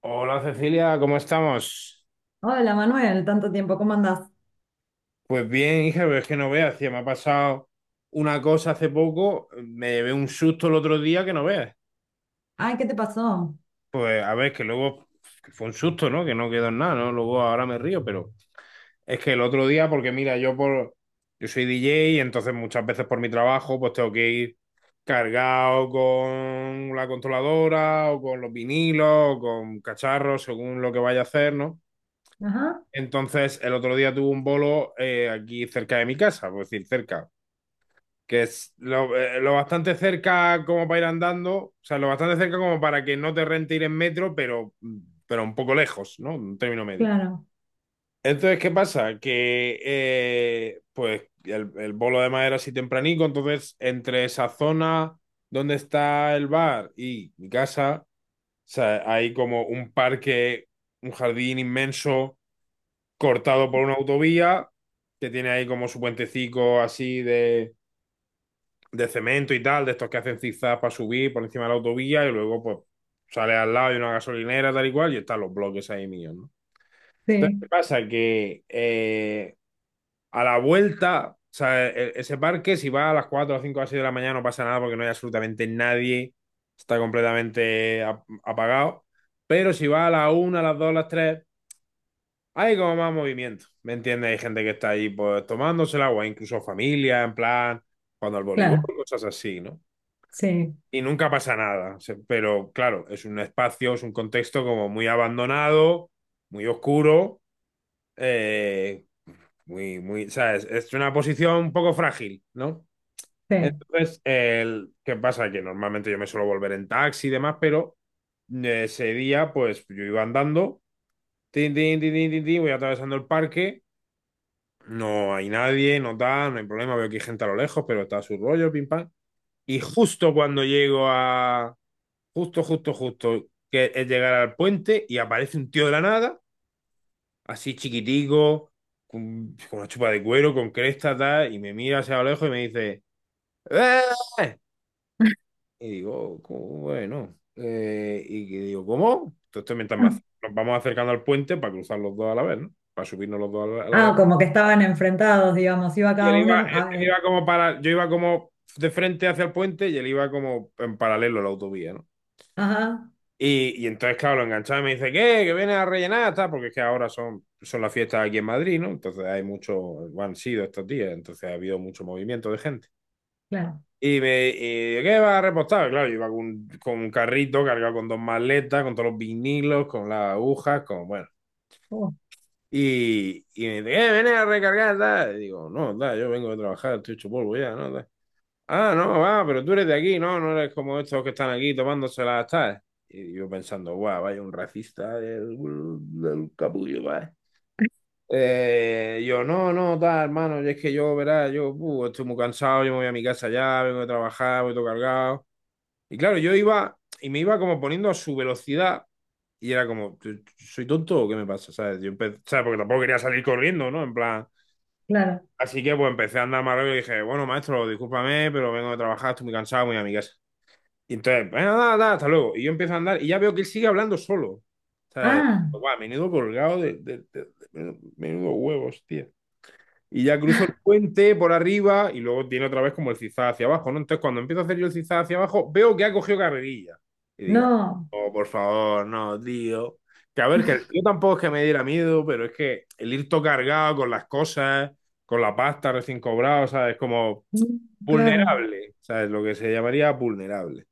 Hola Cecilia, ¿cómo estamos? Hola Manuel, tanto tiempo, ¿cómo andás? Pues bien, hija, pero es que no veas, tía, me ha pasado una cosa hace poco, me llevé un susto el otro día que no veas. Ay, ¿qué te pasó? Pues a ver, que luego que fue un susto, ¿no? Que no quedó en nada, ¿no? Luego ahora me río, pero es que el otro día, porque mira, yo soy DJ y entonces muchas veces por mi trabajo, pues tengo que ir cargado con la controladora o con los vinilos o con cacharros, según lo que vaya a hacer, ¿no? Ajá, Entonces, el otro día tuve un bolo aquí cerca de mi casa, por decir, cerca, que es lo bastante cerca como para ir andando, o sea, lo bastante cerca como para que no te rente ir en metro, pero un poco lejos, ¿no? Un término medio. claro, Entonces, ¿qué pasa? Que pues el bolo además era así tempranico, entonces entre esa zona donde está el bar y mi casa, o sea, hay como un parque, un jardín inmenso cortado por una autovía que tiene ahí como su puentecico así de cemento y tal, de estos que hacen zigzag para subir por encima de la autovía y luego pues sale al lado y una gasolinera tal y cual y están los bloques ahí míos, ¿no? Entonces, ¿qué sí, pasa? Que a la vuelta, o sea, ese parque si va a las 4 a las 5 a las 6 de la mañana no pasa nada porque no hay absolutamente nadie, está completamente apagado, pero si va a las 1 a las 2 a las 3, hay como más movimiento, ¿me entiendes? Hay gente que está ahí pues tomándose el agua, incluso familia, en plan, cuando al voleibol, claro, cosas así, ¿no? sí, Y nunca pasa nada, pero claro, es un espacio, es un contexto como muy abandonado, muy oscuro, eh, muy, muy, ¿sabes? Es una posición un poco frágil, ¿no? sí. Entonces, ¿qué pasa? Que normalmente yo me suelo volver en taxi y demás, pero ese día, pues yo iba andando, tin, tin, tin, tin, tin, tin, voy atravesando el parque. No hay nadie, no tal, no hay problema, veo que hay gente a lo lejos, pero está a su rollo, pim pam. Y justo cuando llego a... Justo, justo, justo, que es llegar al puente y aparece un tío de la nada, así chiquitico, con, una chupa de cuero, con cresta, tal, y me mira hacia a lo lejos y me dice, ¡eh! Y digo, ¿cómo? Bueno, y que digo, ¿cómo? Entonces mientras nos vamos acercando al puente para cruzar los dos a la vez, ¿no? Para subirnos los dos a la vez. Ah, como que estaban enfrentados, digamos, iba Y cada él iba, uno. Él iba como para, yo iba como de frente hacia el puente y él iba como en paralelo a la autovía, ¿no? Ajá, Y entonces, claro, lo enganchaba y me dice, ¿qué? Que viene a rellenar, tal, porque es que ahora son, las fiestas aquí en Madrid, ¿no? Entonces hay mucho, bueno, han sido estos días, entonces ha habido mucho movimiento de gente. claro, Y me, y, ¿qué va a repostar? Claro, yo iba con un carrito cargado con dos maletas, con todos los vinilos, con las agujas, con, bueno. oh, Y me dice, ¿qué? Viene a recargar, tal. Y digo, no, tal, yo vengo de trabajar, estoy hecho polvo ya, ¿no? Tal. Ah, no, va, pero tú eres de aquí, ¿no? No eres como estos que están aquí tomándoselas, ¿sabes? Y yo pensando, guau, vaya un racista del capullo, ¿vale? Yo, no, no, tal, hermano, y es que yo, verás, yo estoy muy cansado, yo me voy a mi casa ya, vengo de trabajar, voy todo cargado. Y claro, yo iba y me iba como poniendo a su velocidad y era como, ¿soy tonto o qué me pasa? ¿Sabes? ¿Sabes? Porque tampoco quería salir corriendo, ¿no? En plan, claro. así que pues empecé a andar más rápido y dije, bueno, maestro, discúlpame, pero vengo de trabajar, estoy muy cansado, me voy a mi casa. Y entonces, bueno, nada, nada, hasta luego. Y yo empiezo a andar y ya veo que él sigue hablando solo. ¿Sabes? Ah, Guau, menudo colgado menudo huevos, tío. Y ya cruzo el puente por arriba y luego tiene otra vez como el zigzag hacia abajo, ¿no? Entonces, cuando empiezo a hacer yo el zigzag hacia abajo, veo que ha cogido carrerilla. Y digo, no, oh, por favor, no, tío. Que a ver, que yo tampoco es que me diera miedo, pero es que el ir todo cargado con las cosas, con la pasta recién cobrada, ¿sabes? Como mm, claro, vulnerable, ¿sabes? Lo que se llamaría vulnerable.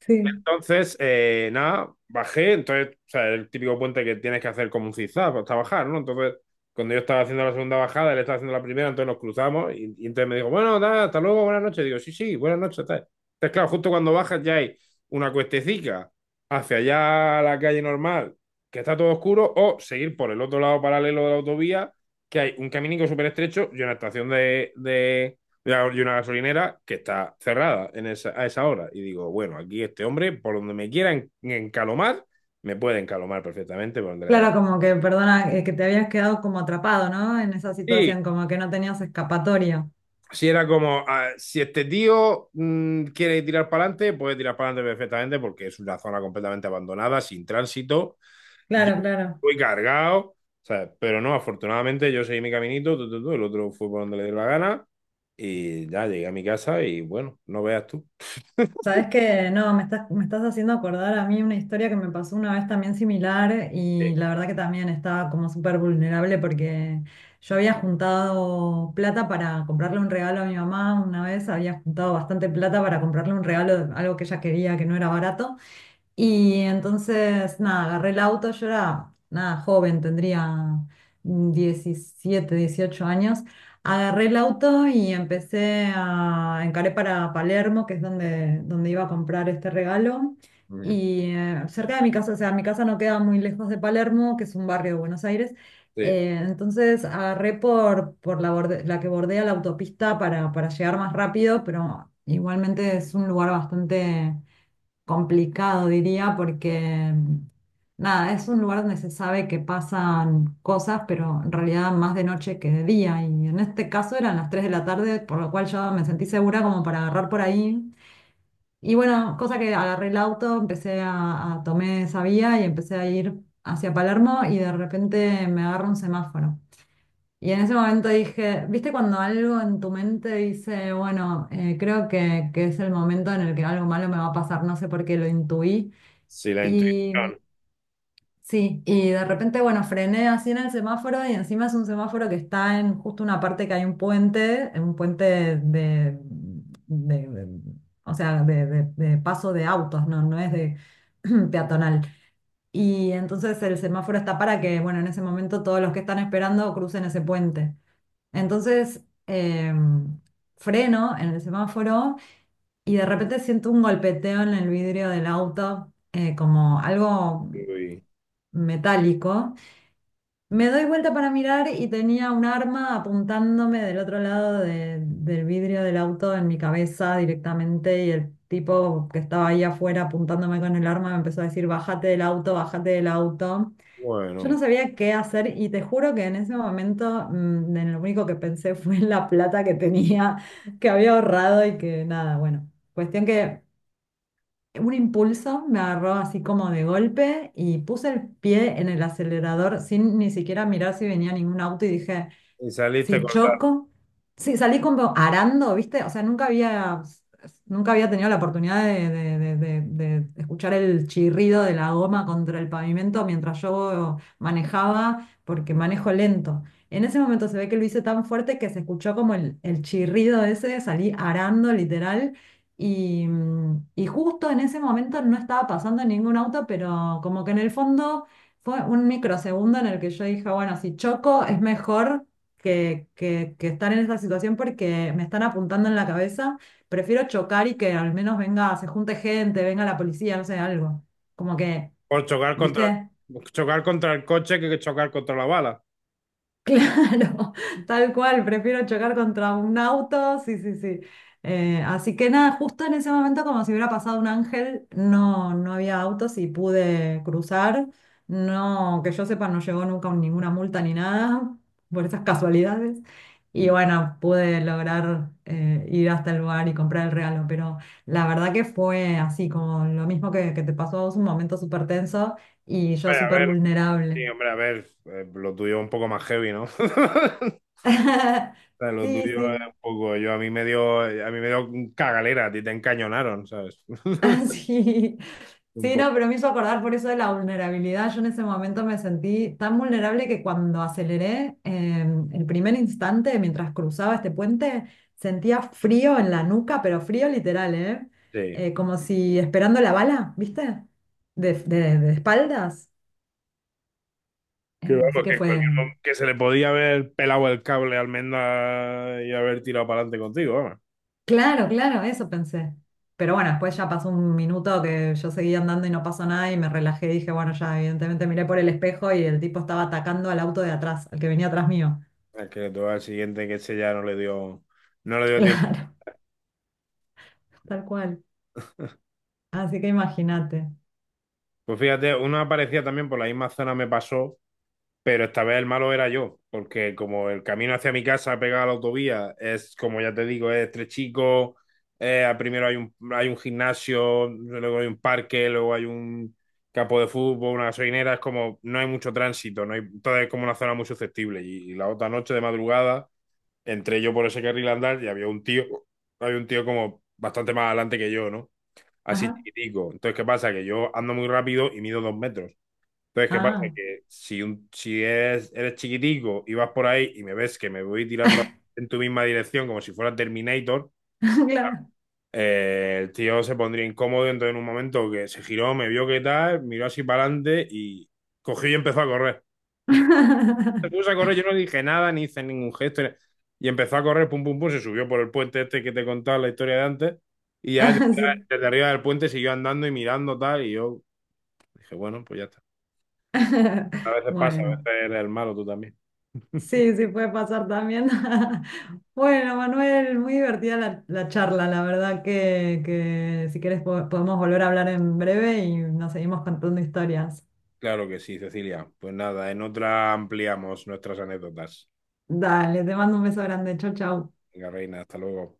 sí. Entonces, nada, bajé, entonces, o sea, el típico puente que tienes que hacer como un zigzag hasta bajar, ¿no? Entonces, cuando yo estaba haciendo la segunda bajada, él estaba haciendo la primera, entonces nos cruzamos y entonces me dijo, bueno, nada, hasta luego, buenas noches. Digo, sí, sí, buenas noches, tal. Entonces, claro, justo cuando bajas ya hay una cuestecica hacia allá a la calle normal, que está todo oscuro, o seguir por el otro lado paralelo de la autovía, que hay un caminico súper estrecho y una estación y una gasolinera que está cerrada a esa hora. Y digo, bueno, aquí este hombre, por donde me quiera encalomar, me puede encalomar perfectamente por donde le dé la. Claro, como que, perdona, que te habías quedado como atrapado, ¿no? En esa Y situación, como que no tenías escapatoria. si era como, ah, si este tío quiere tirar para adelante, puede tirar para adelante perfectamente porque es una zona completamente abandonada, sin tránsito. Yo Claro, claro. fui cargado, ¿sabes? Pero no, afortunadamente yo seguí mi caminito, tu, el otro fue por donde le dio la gana y ya llegué a mi casa y bueno, no veas tú. Sabes que no, me estás haciendo acordar a mí una historia que me pasó una vez también similar, Sí. y la verdad que también estaba como súper vulnerable, porque yo había juntado plata para comprarle un regalo a mi mamá una vez, había juntado bastante plata para comprarle un regalo, algo que ella quería que no era barato. Y entonces, nada, agarré el auto, yo era, nada, joven, tendría 17, 18 años. Agarré el auto y empecé a encaré para Palermo, que es donde, donde iba a comprar este regalo. Ujú. Y cerca de mi casa, o sea, mi casa no queda muy lejos de Palermo, que es un barrio de Buenos Aires. Sí, Entonces agarré por la, borde- la que bordea la autopista para llegar más rápido, pero igualmente es un lugar bastante complicado, diría, porque nada, es un lugar donde se sabe que pasan cosas, pero en realidad más de noche que de día. Y en este caso eran las 3 de la tarde, por lo cual yo me sentí segura como para agarrar por ahí. Y bueno, cosa que agarré el auto, empecé a tomé esa vía y empecé a ir hacia Palermo, y de repente me agarra un semáforo. Y en ese momento dije, ¿viste cuando algo en tu mente dice, bueno, creo que, es el momento en el que algo malo me va a pasar? No sé por qué lo intuí. sí, la Y intuición. sí, y de repente, bueno, frené así en el semáforo, y encima es un semáforo que está en justo una parte que hay un puente de- de- o sea, de paso de autos, no, no es de peatonal. Y entonces el semáforo está para que, bueno, en ese momento todos los que están esperando crucen ese puente. Entonces, freno en el semáforo, y de repente siento un golpeteo en el vidrio del auto, como algo Uy, metálico. Me doy vuelta para mirar, y tenía un arma apuntándome del otro lado del vidrio del auto, en mi cabeza directamente, y el tipo que estaba ahí afuera apuntándome con el arma me empezó a decir, bájate del auto, bájate del auto. Yo bueno, no sabía qué hacer, y te juro que en ese momento, en lo único que pensé fue en la plata que tenía, que había ahorrado, y que nada, bueno, cuestión que un impulso me agarró así como de golpe y puse el pie en el acelerador sin ni siquiera mirar si venía ningún auto, y dije, y saliste si cortado. choco. Sí, salí como arando, ¿viste? O sea, nunca había, nunca había tenido la oportunidad de escuchar el chirrido de la goma contra el pavimento mientras yo manejaba, porque manejo lento. En ese momento se ve que lo hice tan fuerte que se escuchó como el chirrido ese, salí arando literal. Y justo en ese momento no estaba pasando ningún auto, pero como que en el fondo fue un microsegundo en el que yo dije, bueno, si choco es mejor que estar en esta situación, porque me están apuntando en la cabeza. Prefiero chocar y que al menos venga, se junte gente, venga la policía, no sé, algo. Como que, Por chocar contra, ¿viste? chocar contra el coche que chocar contra la bala. Claro, tal cual, prefiero chocar contra un auto, sí, sí, sí. Así que nada, justo en ese momento, como si hubiera pasado un ángel, no, no había autos y pude cruzar. No, que yo sepa, no llegó nunca ninguna multa ni nada, por esas casualidades. Y Mm. bueno, pude lograr ir hasta el lugar y comprar el regalo, pero la verdad que fue así, como lo mismo que te pasó a vos, un momento súper tenso y yo Hombre, a súper ver, vulnerable. sí, hombre, a ver, lo tuyo es un poco más heavy, ¿no? O sea, lo Sí, tuyo es sí. un poco, yo a mí me dio, a mí me dio cagalera, a ti te encañonaron, ¿sabes? Ah, sí. Un Sí, poco, no, pero me hizo acordar por eso de la vulnerabilidad. Yo en ese momento me sentí tan vulnerable que cuando aceleré, el primer instante mientras cruzaba este puente, sentía frío en la nuca, pero frío literal, ¿eh? sí. Como si esperando la bala, ¿viste? De, de espaldas. Que vamos, Así que que en fue. cualquier que se le podía haber pelado el cable a Almendra y haber tirado para adelante contigo, vamos. Claro, claro, eso pensé. Pero bueno, después ya pasó un minuto que yo seguía andando y no pasó nada y me relajé y dije, bueno, ya evidentemente miré por el espejo, y el tipo estaba atacando al auto de atrás, al que venía atrás mío. Es que tú al siguiente que ese ya no le dio tiempo. Claro, tal cual. Así que imagínate. Pues fíjate, una parecida también por la misma zona me pasó, pero esta vez el malo era yo, porque como el camino hacia mi casa pegado a la autovía es, como ya te digo, es estrechico, primero hay un, gimnasio, luego hay un parque, luego hay un campo de fútbol, una gasolinera, es como no hay mucho tránsito, no hay, entonces es como una zona muy susceptible. Y la otra noche de madrugada entré yo por ese carril a andar y había un tío como bastante más adelante que yo, ¿no? Así Ajá. chiquitico. Entonces, ¿qué pasa? Que yo ando muy rápido y mido 2 metros. Entonces, ¿qué pasa? Ah, Que si, un, si eres chiquitico y vas por ahí y me ves que me voy tirando en tu misma dirección como si fuera Terminator, claro. El tío se pondría incómodo. Entonces, en un momento que se giró, me vio que tal, miró así para adelante y cogió y empezó a correr. Se puso a correr, yo no dije nada, ni hice ningún gesto, y empezó a correr, pum, pum, pum, se subió por el puente este que te contaba la historia de antes. Y ya desde, Ah, sí. desde arriba del puente siguió andando y mirando tal. Y yo dije, bueno, pues ya está. A veces pasa, a Bueno. veces eres el malo tú también. Sí, sí puede pasar también. Bueno, Manuel, muy divertida la charla. La verdad que si quieres podemos volver a hablar en breve y nos seguimos contando historias. Claro que sí, Cecilia. Pues nada, en otra ampliamos nuestras anécdotas. Dale, te mando un beso grande. Chau, chau. Venga, reina, hasta luego.